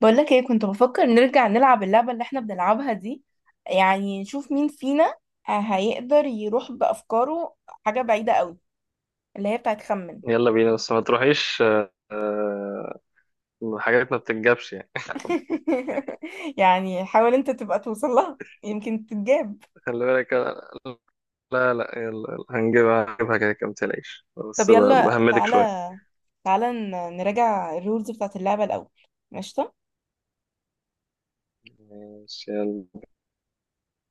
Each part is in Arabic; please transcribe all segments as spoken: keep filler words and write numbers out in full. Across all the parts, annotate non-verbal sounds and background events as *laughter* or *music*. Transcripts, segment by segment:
بقولك ايه، كنت بفكر نرجع نلعب اللعبة اللي احنا بنلعبها دي، يعني نشوف مين فينا آه، هيقدر يروح بأفكاره حاجة بعيدة قوي، اللي هي بتاعت خمن. يلا بينا بس ما تروحيش آه، آه، حاجات ما بتتجابش يعني. *laughs* يعني حاول انت تبقى توصل لها، يمكن تتجاب. *laughs* خلي بالك أنا- لا لا، يلا يلا هنجيبها هنجيبها، كده كده متقلقش طب بس ب- يلا بهمدك شوية. تعالى، تعالى ن- نراجع الرولز بتاعت اللعبة الأول. ماشي، ماشي يلا.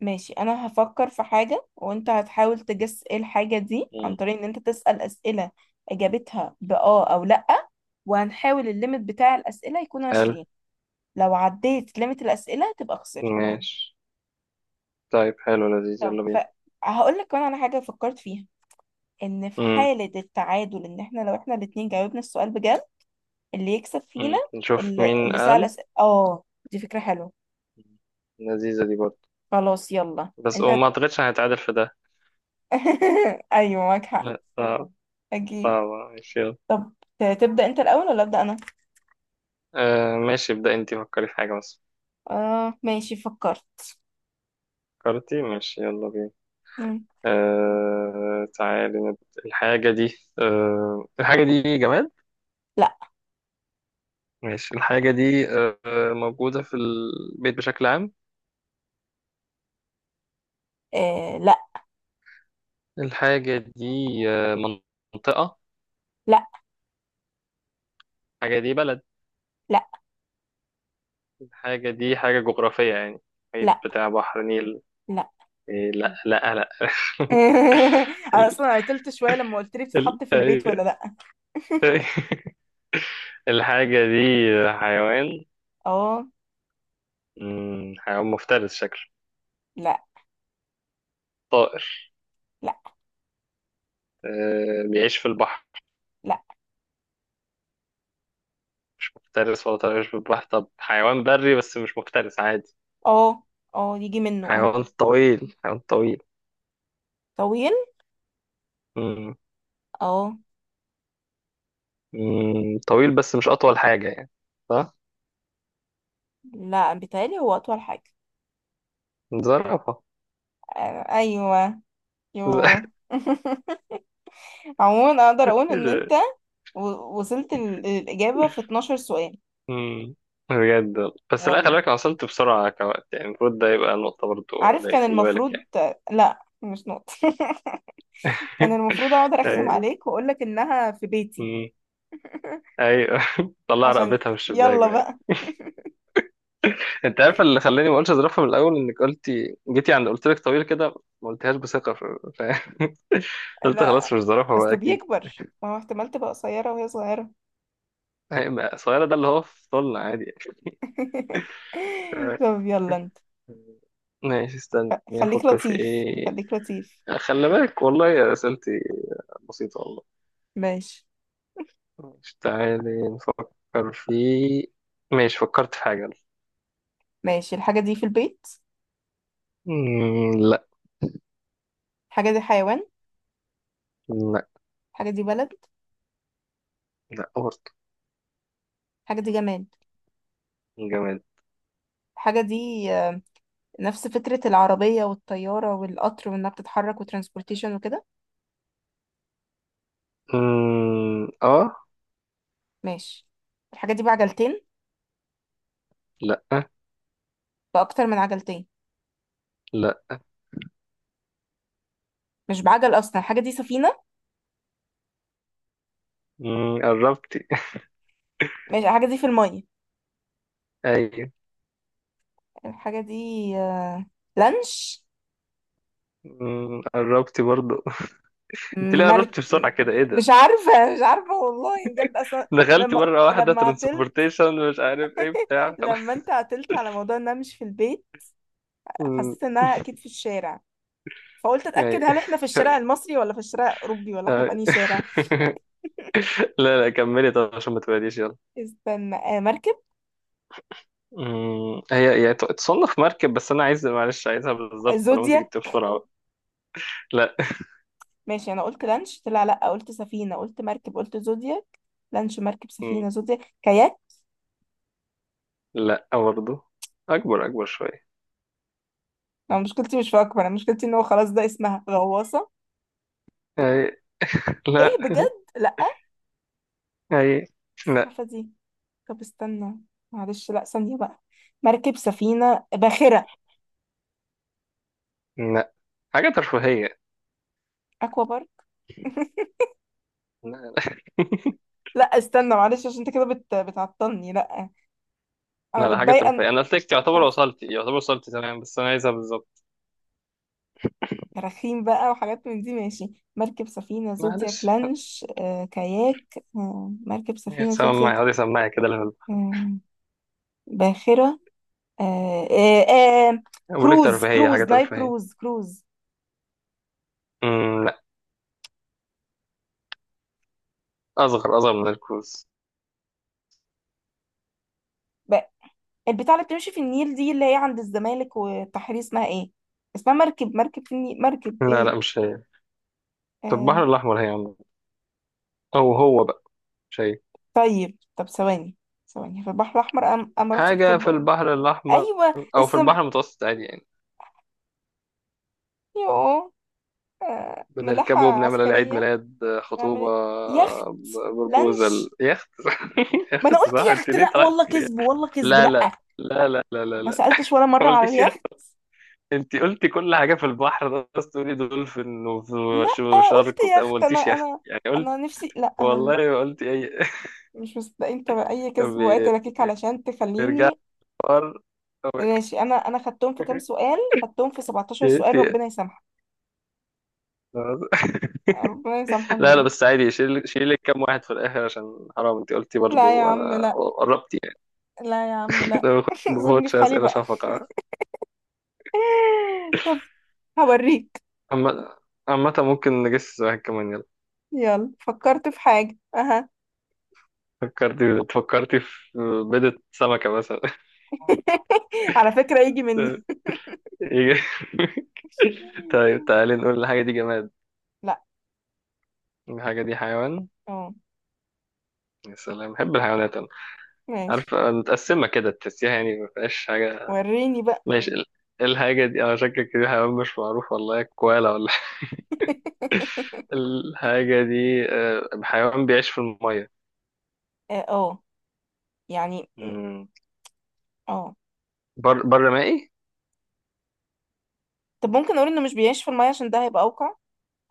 ماشي، انا هفكر في حاجة وانت هتحاول تجس ايه الحاجة دي عن مم. طريق ان انت تسأل اسئلة اجابتها بآه او لأ، وهنحاول الليمت بتاع الاسئلة يكون قال عشرين. لو عديت ليميت الاسئلة تبقى خسرت. ماشي. طيب حلو لذيذ طب يلا ف... بينا. هقول لك كمان على حاجة فكرت فيها، ان في مم. حالة التعادل ان احنا لو احنا الاتنين جاوبنا السؤال بجد اللي يكسب فينا مم. نشوف اللي, مين اللي سأل قال. اسئلة، اه دي فكرة حلوة. مم. لذيذة دي برضه. خلاص يلا بس انت هت... وما أعتقدش هنتعادل في ده. *laughs* ايوه معاك حق، لا صعب، صعب. اكيد. *laughs* ماشي يلا. طب ت- تبدأ انت الاول ولا أبدأ انا؟ آه، ماشي ابدأ انتي، فكري في حاجة بس. اه ماشي، فكرت. فكرتي ماشي يلا بينا. مم. آه تعالي نب- الحاجة دي، آه الحاجة دي جماد؟ لا. ماشي، الحاجة دي آه موجودة في البيت بشكل عام؟ آه لا الحاجة دي آه منطقة؟ لا الحاجة دي بلد؟ لا الحاجة دي حاجة جغرافية يعني؟ محيط لا بتاع بحر نيل؟ لا. إيه لا لا لا. *laughs* *laughs* انا ال اصلا عطلت شويه لما قلت لي ال بتتحط في البيت ولا أيوة. لا. *laughs* *laughs* الحاجة دي حيوان؟ اه مم، حيوان مفترس شكله؟ لا. طائر؟ لا. آه بيعيش في البحر؟ لا. مش مفترس ولا طائر بتباح، طب حيوان بري بس مش مفترس عادي؟ اه، اه يجي منه اه. حيوان طويل، حيوان طويل؟ طويل، مم. اه. مم. طويل بس مش أطول حاجة يعني، صح؟ لا بيتهيألي هو اطول حاجه. زرافة! آه ايوه! يو! *laughs* *laughs* عموما اقدر اقول إيه ان انت ده؟ و- وصلت ال- الاجابه في اتناشر سؤال. مم. بجد، بس لا خلي والله بالك أنا وصلت بسرعة كوقت، يعني المفروض ده يبقى نقطة برضو عارف ليا، كان خلي بالك المفروض. يعني. لا مش نقطه. *laughs* كان *laughs* المفروض اقعد ارخم أي- عليك واقول لك انها في بيتي، مم. أيوه. *laughs* طلع عشان رقبتها من يلا الشباك. بقى. انت عارف اللي خلاني ما اقولش اظرفها من الاول، انك قلتي جيتي عند قلت لك طويل كده، ما قلتهاش بثقه ف... ف- *laughs* قلت لا خلاص مش ظرفها بقى اصله اكيد. بيكبر، ما هو احتمال تبقى قصيره وهي صغيره. هي- ما- صغيره ده اللي هو في طولنا عادي يعني. *laughs* ف- طب يلا انت، ماشي استني خليك افكر في لطيف ايه. خليك لطيف. خلي بالك والله يا اسئلتي بسيطه والله. ماشي. مش تعالي نفكر في، ماشي فكرت في حاجه. ماشي الحاجه دي في البيت. مم، لا. الحاجه دي حيوان. لا. الحاجه دي بلد. لا برضه. الحاجه دي جماد. جماد. الحاجه دي آه، نفس فكره العربيه والطياره والقطر، وانها بتتحرك وترانسبورتيشن وكده. مم، اه. ماشي الحاجه دي بعجلتين. لا. باكتر من عجلتين. لا. مش بعجل اصلا الحاجه دي سفينه. مم، قربتي. ماشي الحاجة دي في المية. *laughs* ايوه. الحاجة دي آه، لانش. مم، قربتي برضه. *laughs* انت ليه مرك... قربتي م- بسرعة كده، ايه مش ده؟ عارفة، مش عارفة والله بجد أصلا. دخلتي لما مرة واحدة لما عتلت، ترانسبورتيشن مش عارف ايه بتاع خلاص. لما أنت عتلت على موضوع إنها مش في البيت، *laughs* مم، حسيت إنها أكيد في الشارع، فقلت أتأكد أي. هل إحنا في الشارع المصري ولا في الشارع الأوروبي ولا إحنا في أي. أنهي شارع. *laughs* لا لا كملي، طب عشان ما تبعديش يلا. استنى، آه مركب. مم، هي يعني ت- تصنف مركب بس انا عايز، معلش عايزها بالظبط طالما انت زودياك. جبتيها بسرعة بقى. لا. ماشي، أنا قلت لانش طلع لأ، قلت سفينة، قلت مركب، قلت زودياك. لانش، مركب، سفينة، مم، زودياك، كاياك. لا برضه. اكبر اكبر شوية. ما مشكلتي مش في أكبر، أنا مشكلتي إن هو خلاص ده اسمها غواصة. أي. ايه لا. بجد؟ لا. أي. لا. السفافة دي. طب استنى، معلش، لا ثانية بقى. مركب، سفينة، باخرة. لا حاجة ترفيهية. اكوا بارك. *laughs* لا لا. لا استنى معلش، عشان انت كده بت... بتعطلني. لا *laughs* انا لا، حاجة متضايقة ترفيهية، إن- أنا قلت لك تعتبر طب وصلتي يعتبر وصلتي تمام، بس أنا عايزها بالظبط. كراخيم بقى وحاجات من دي. ماشي، مركب، سفينة، زودياك، معلش لانش، آه، كاياك، آه، مركب، سفينة، زودياك، سماعي هذه سماعي كده لهلا. آه، باخرة، آه، آه، آه، بقول لك كروز، ترفيهية، حاجة كروز، نايل ترفيهية. كروز، كروز. امم لا. أصغر أصغر من الكوز. البتاع اللي بتمشي في النيل دي اللي هي عند الزمالك والتحرير اسمها ايه؟ اسمها مركب، مركب في النيل، مركب لا ايه؟ لا مش هي. في آه. البحر الأحمر هي عم. أو هو بقى. مش هي. طيب طب ثواني، ثواني. في البحر الاحمر أم... أم رحتش قبل حاجة كده في بقى. البحر الأحمر ايوه أو في السم. البحر المتوسط عادي يعني. يوه. آه. ملاحه بنركبه بنعمل عليه عيد عسكريه. ميلاد، نعمل خطوبة. ايه؟ يخت. بربوزل لانش. يخت. *laughs* ما انا يخت قلت صح، أنت يخت، ليه لا طلعت؟ والله كذب، والله كذب، لا لا. لا لا لا لا لا ما لا. سالتش ولا ما مره على قلتيش يخت. اليخت. أنت قلتي كل حاجة في البحر، بس تقولي دولفين لا قلت وشارك وبتاع، ما يخت انا، قلتيش يخت انا. يعني. انا نفسي لا انا والله ما قلت اي. مش مصدقين، انت اي *laughs* كذب وقت بي- لكيك علشان بيرجع تخليني. الحوار. طب. ماشي انا انا خدتهم في كام *laughs* سؤال، خدتهم في سبعتاشر إيه؟ سؤال، إيه؟ ربنا يسامحك. ربنا يسامحك لا لا بجد. بس عادي، شيل شيل لك كام واحد في الاخر عشان حرام، انت قلتي لا يا برضو عم انا لا، قربت يعني. لا يا عم *laughs* لا. لو *laughs* ما سيبني باخدش في حالي اسئله بقى. شفقه *laughs* طب هوريك. عامه، عامة ممكن نجس واحد كمان يلا. يلا فكرت في حاجة، اها. فكرتي فكرتي في بيضة سمكة مثلا. *laughs* على فكرة يجي مني. *laughs* يجي- طيب *laughs* تعالي نقول، الحاجة دي جماد؟ لا. الحاجة دي حيوان؟ اه يا سلام بحب الحيوانات أنا. ماشي، عارف متقسمة كده تحسيها يعني ما فيهاش حاجة. وريني بقى. ماشي ال- الحاجة دي، أنا شكك دي حيوان مش معروف والله، كوالا ولا *laughs* حاجة. *laughs* الحاجة دي آه، حيوان بيعيش في المية؟ اه، آه، يعني م- مم. اه. بر بر مائي؟ طب ممكن اقول انه مش بيعيش في المية، عشان ده هيبقى اوقع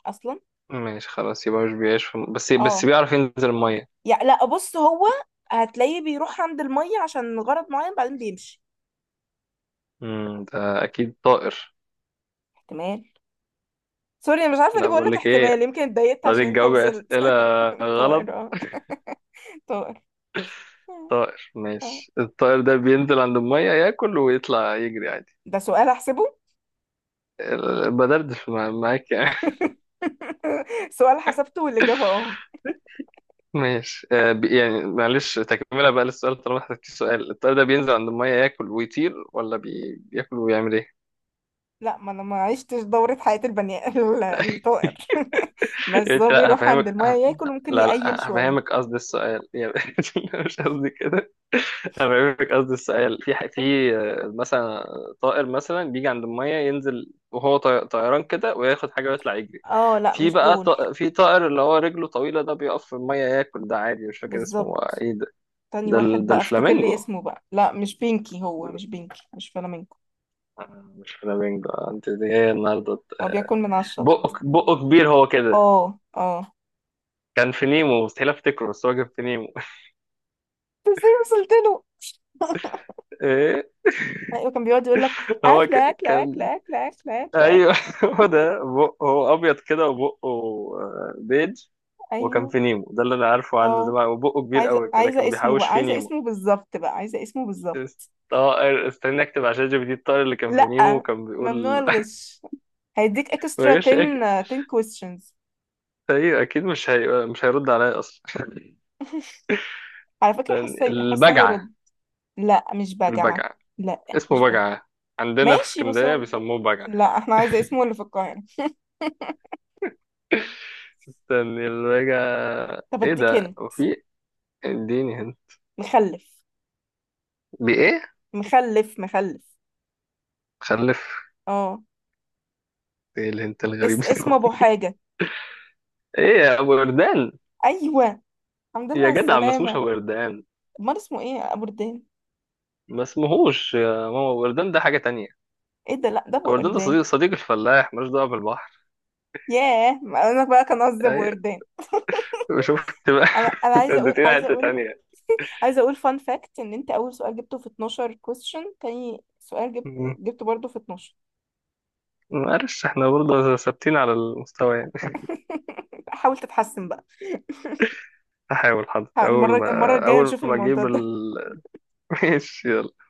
اصلا. ماشي خلاص يبقى مش بيعيش في الم... بس بس اه بيعرف ينزل المية. يعني، لا بص هو هتلاقيه بيروح عند المية عشان غرض معين، بعدين بيمشي. مم. ده أكيد طائر. احتمال. سوري انا مش عارفة ليه لا بقول بقول لك لك احتمال، إيه، يمكن اتضايقت عشان طريقة انت جواب وصلت. أسئلة *laughs* غلط. طائر، اه. طائر، آه، طائر، آه. ماشي الطائر ده بينزل عند المية ياكل ويطلع يجري عادي؟ ده سؤال احسبه. *laughs* ال- بدردش مع- معاك يعني. *laughs* سؤال حسبته والاجابة اه. ماشي آه بي- يعني معلش تكملة بقى للسؤال طالما احتجتي سؤال، الطائر ده بينزل عند المية ياكل ويطير ولا بي... بياكل ويعمل ايه؟ لا ما انا ما عشتش دورة حياة البني ال- الطائر. *laughs* *laughs* يعني بس انت هو لا بيروح عند هفهمك المية ه- ياكل، وممكن لا يقيل لا شوية. هفهمك قصد السؤال يعني *laughs* مش قصدي كده. هفهمك قصد السؤال، في ح- في آه، مثلا طائر مثلا بيجي عند المية ينزل وهو طي- طيران كده وياخد حاجة ويطلع يجري. اه لا في مش بقى دول. طائر، في طائر اللي هو رجله طويلة ده بيقف في المية ياكل ده عادي، مش فاكر اسمه. بالظبط. ايه ده؟ تاني ده, ال... واحد ده بقى افتكر لي الفلامينجو؟ اسمه بقى. لا مش بينكي، هو مش بينكي، مش فلامينكو. مش فلامينجو انت، دي ايه النهارده؟ هو بياكل من على الشط. بقك بقه كبير هو كده؟ اه، اه. كان في نيمو، مستحيل افتكره بس هو كان في نيمو. بس ازاي وصلت له؟ *laughs* ايه؟ ايوه كان بيقعد يقول لك هو اكله ك... اكله كان. اكله اكله اكله اكله اكل. ايوه. *laughs* هو ده بقه، هو ابيض كده وبقه آه، بيج. وكان ايوه. في نيمو، ده اللي انا عارفه عنه اه. زمان، وبقه كبير عايزه قوي كده عايزه كانوا اسمه بيحوش بقى، فيه عايزه نيمو. اسمه بالظبط بقى، عايزه اسمه بالظبط. الطائر استنى اكتب عشان جي بي دي، الطائر اللي كان في نيمو لا كان ممنوع بيقول. الغش، هيديك *laughs* اكسترا ما جاش أك- عشرة عشرة questions. ايوه اكيد مش هي... مش هيرد عليا اصلا. *laughs* على فكره حاسه حاسه *laughs* البجعه. هيرد. لا مش بجعه. البجعه. لا اسمه مش بجعه. بجعة، عندنا في ماشي بس اسكندرية هو، بيسموه بجعة. لا احنا عايزه اسمه اللي في القاهره. استني البجعة، طب ايه اديك ده؟ هنا. وفي اديني هنا. مخلف. بايه؟ مخلف، مخلف. خلف؟ اه. ايه الهنت الغريب اس... اسمه ده؟ ابو حاجه. *laughs* ايه يا ابو وردان؟ ايوه. الحمد لله يا على جدع ما اسموش السلامه. ابو وردان. امال اسمه ايه؟ ابو ردان. ما اسمهوش يا ماما ابو وردان، ده حاجة تانية. ايه ده؟ لا ده ابو ابو وردان ده قردان. صديق، صديق الفلاح ملوش دعوة بالبحر. ياه، ما انا بقى كان قصدي ابو ايوه، قردان. شفت بقى. انا انا *laughs* انت عايزه اقول، اديتينا عايزه حتة اقول. تانية. *laughs* عايزه اقول فان فاكت ان انت اول سؤال جبته في اتناشر كويستشن، تاني سؤال جبت مم. جبته برضه في اتناشر. معلش احنا برضه ثابتين على المستوى يعني. *laughs* حاول تتحسن بقى. *laughs* هحاول حاضر، اول المره، المره ما الجايه اول نشوف ما الموضوع اجيب ده. ال... *laughs* ماشي يلا.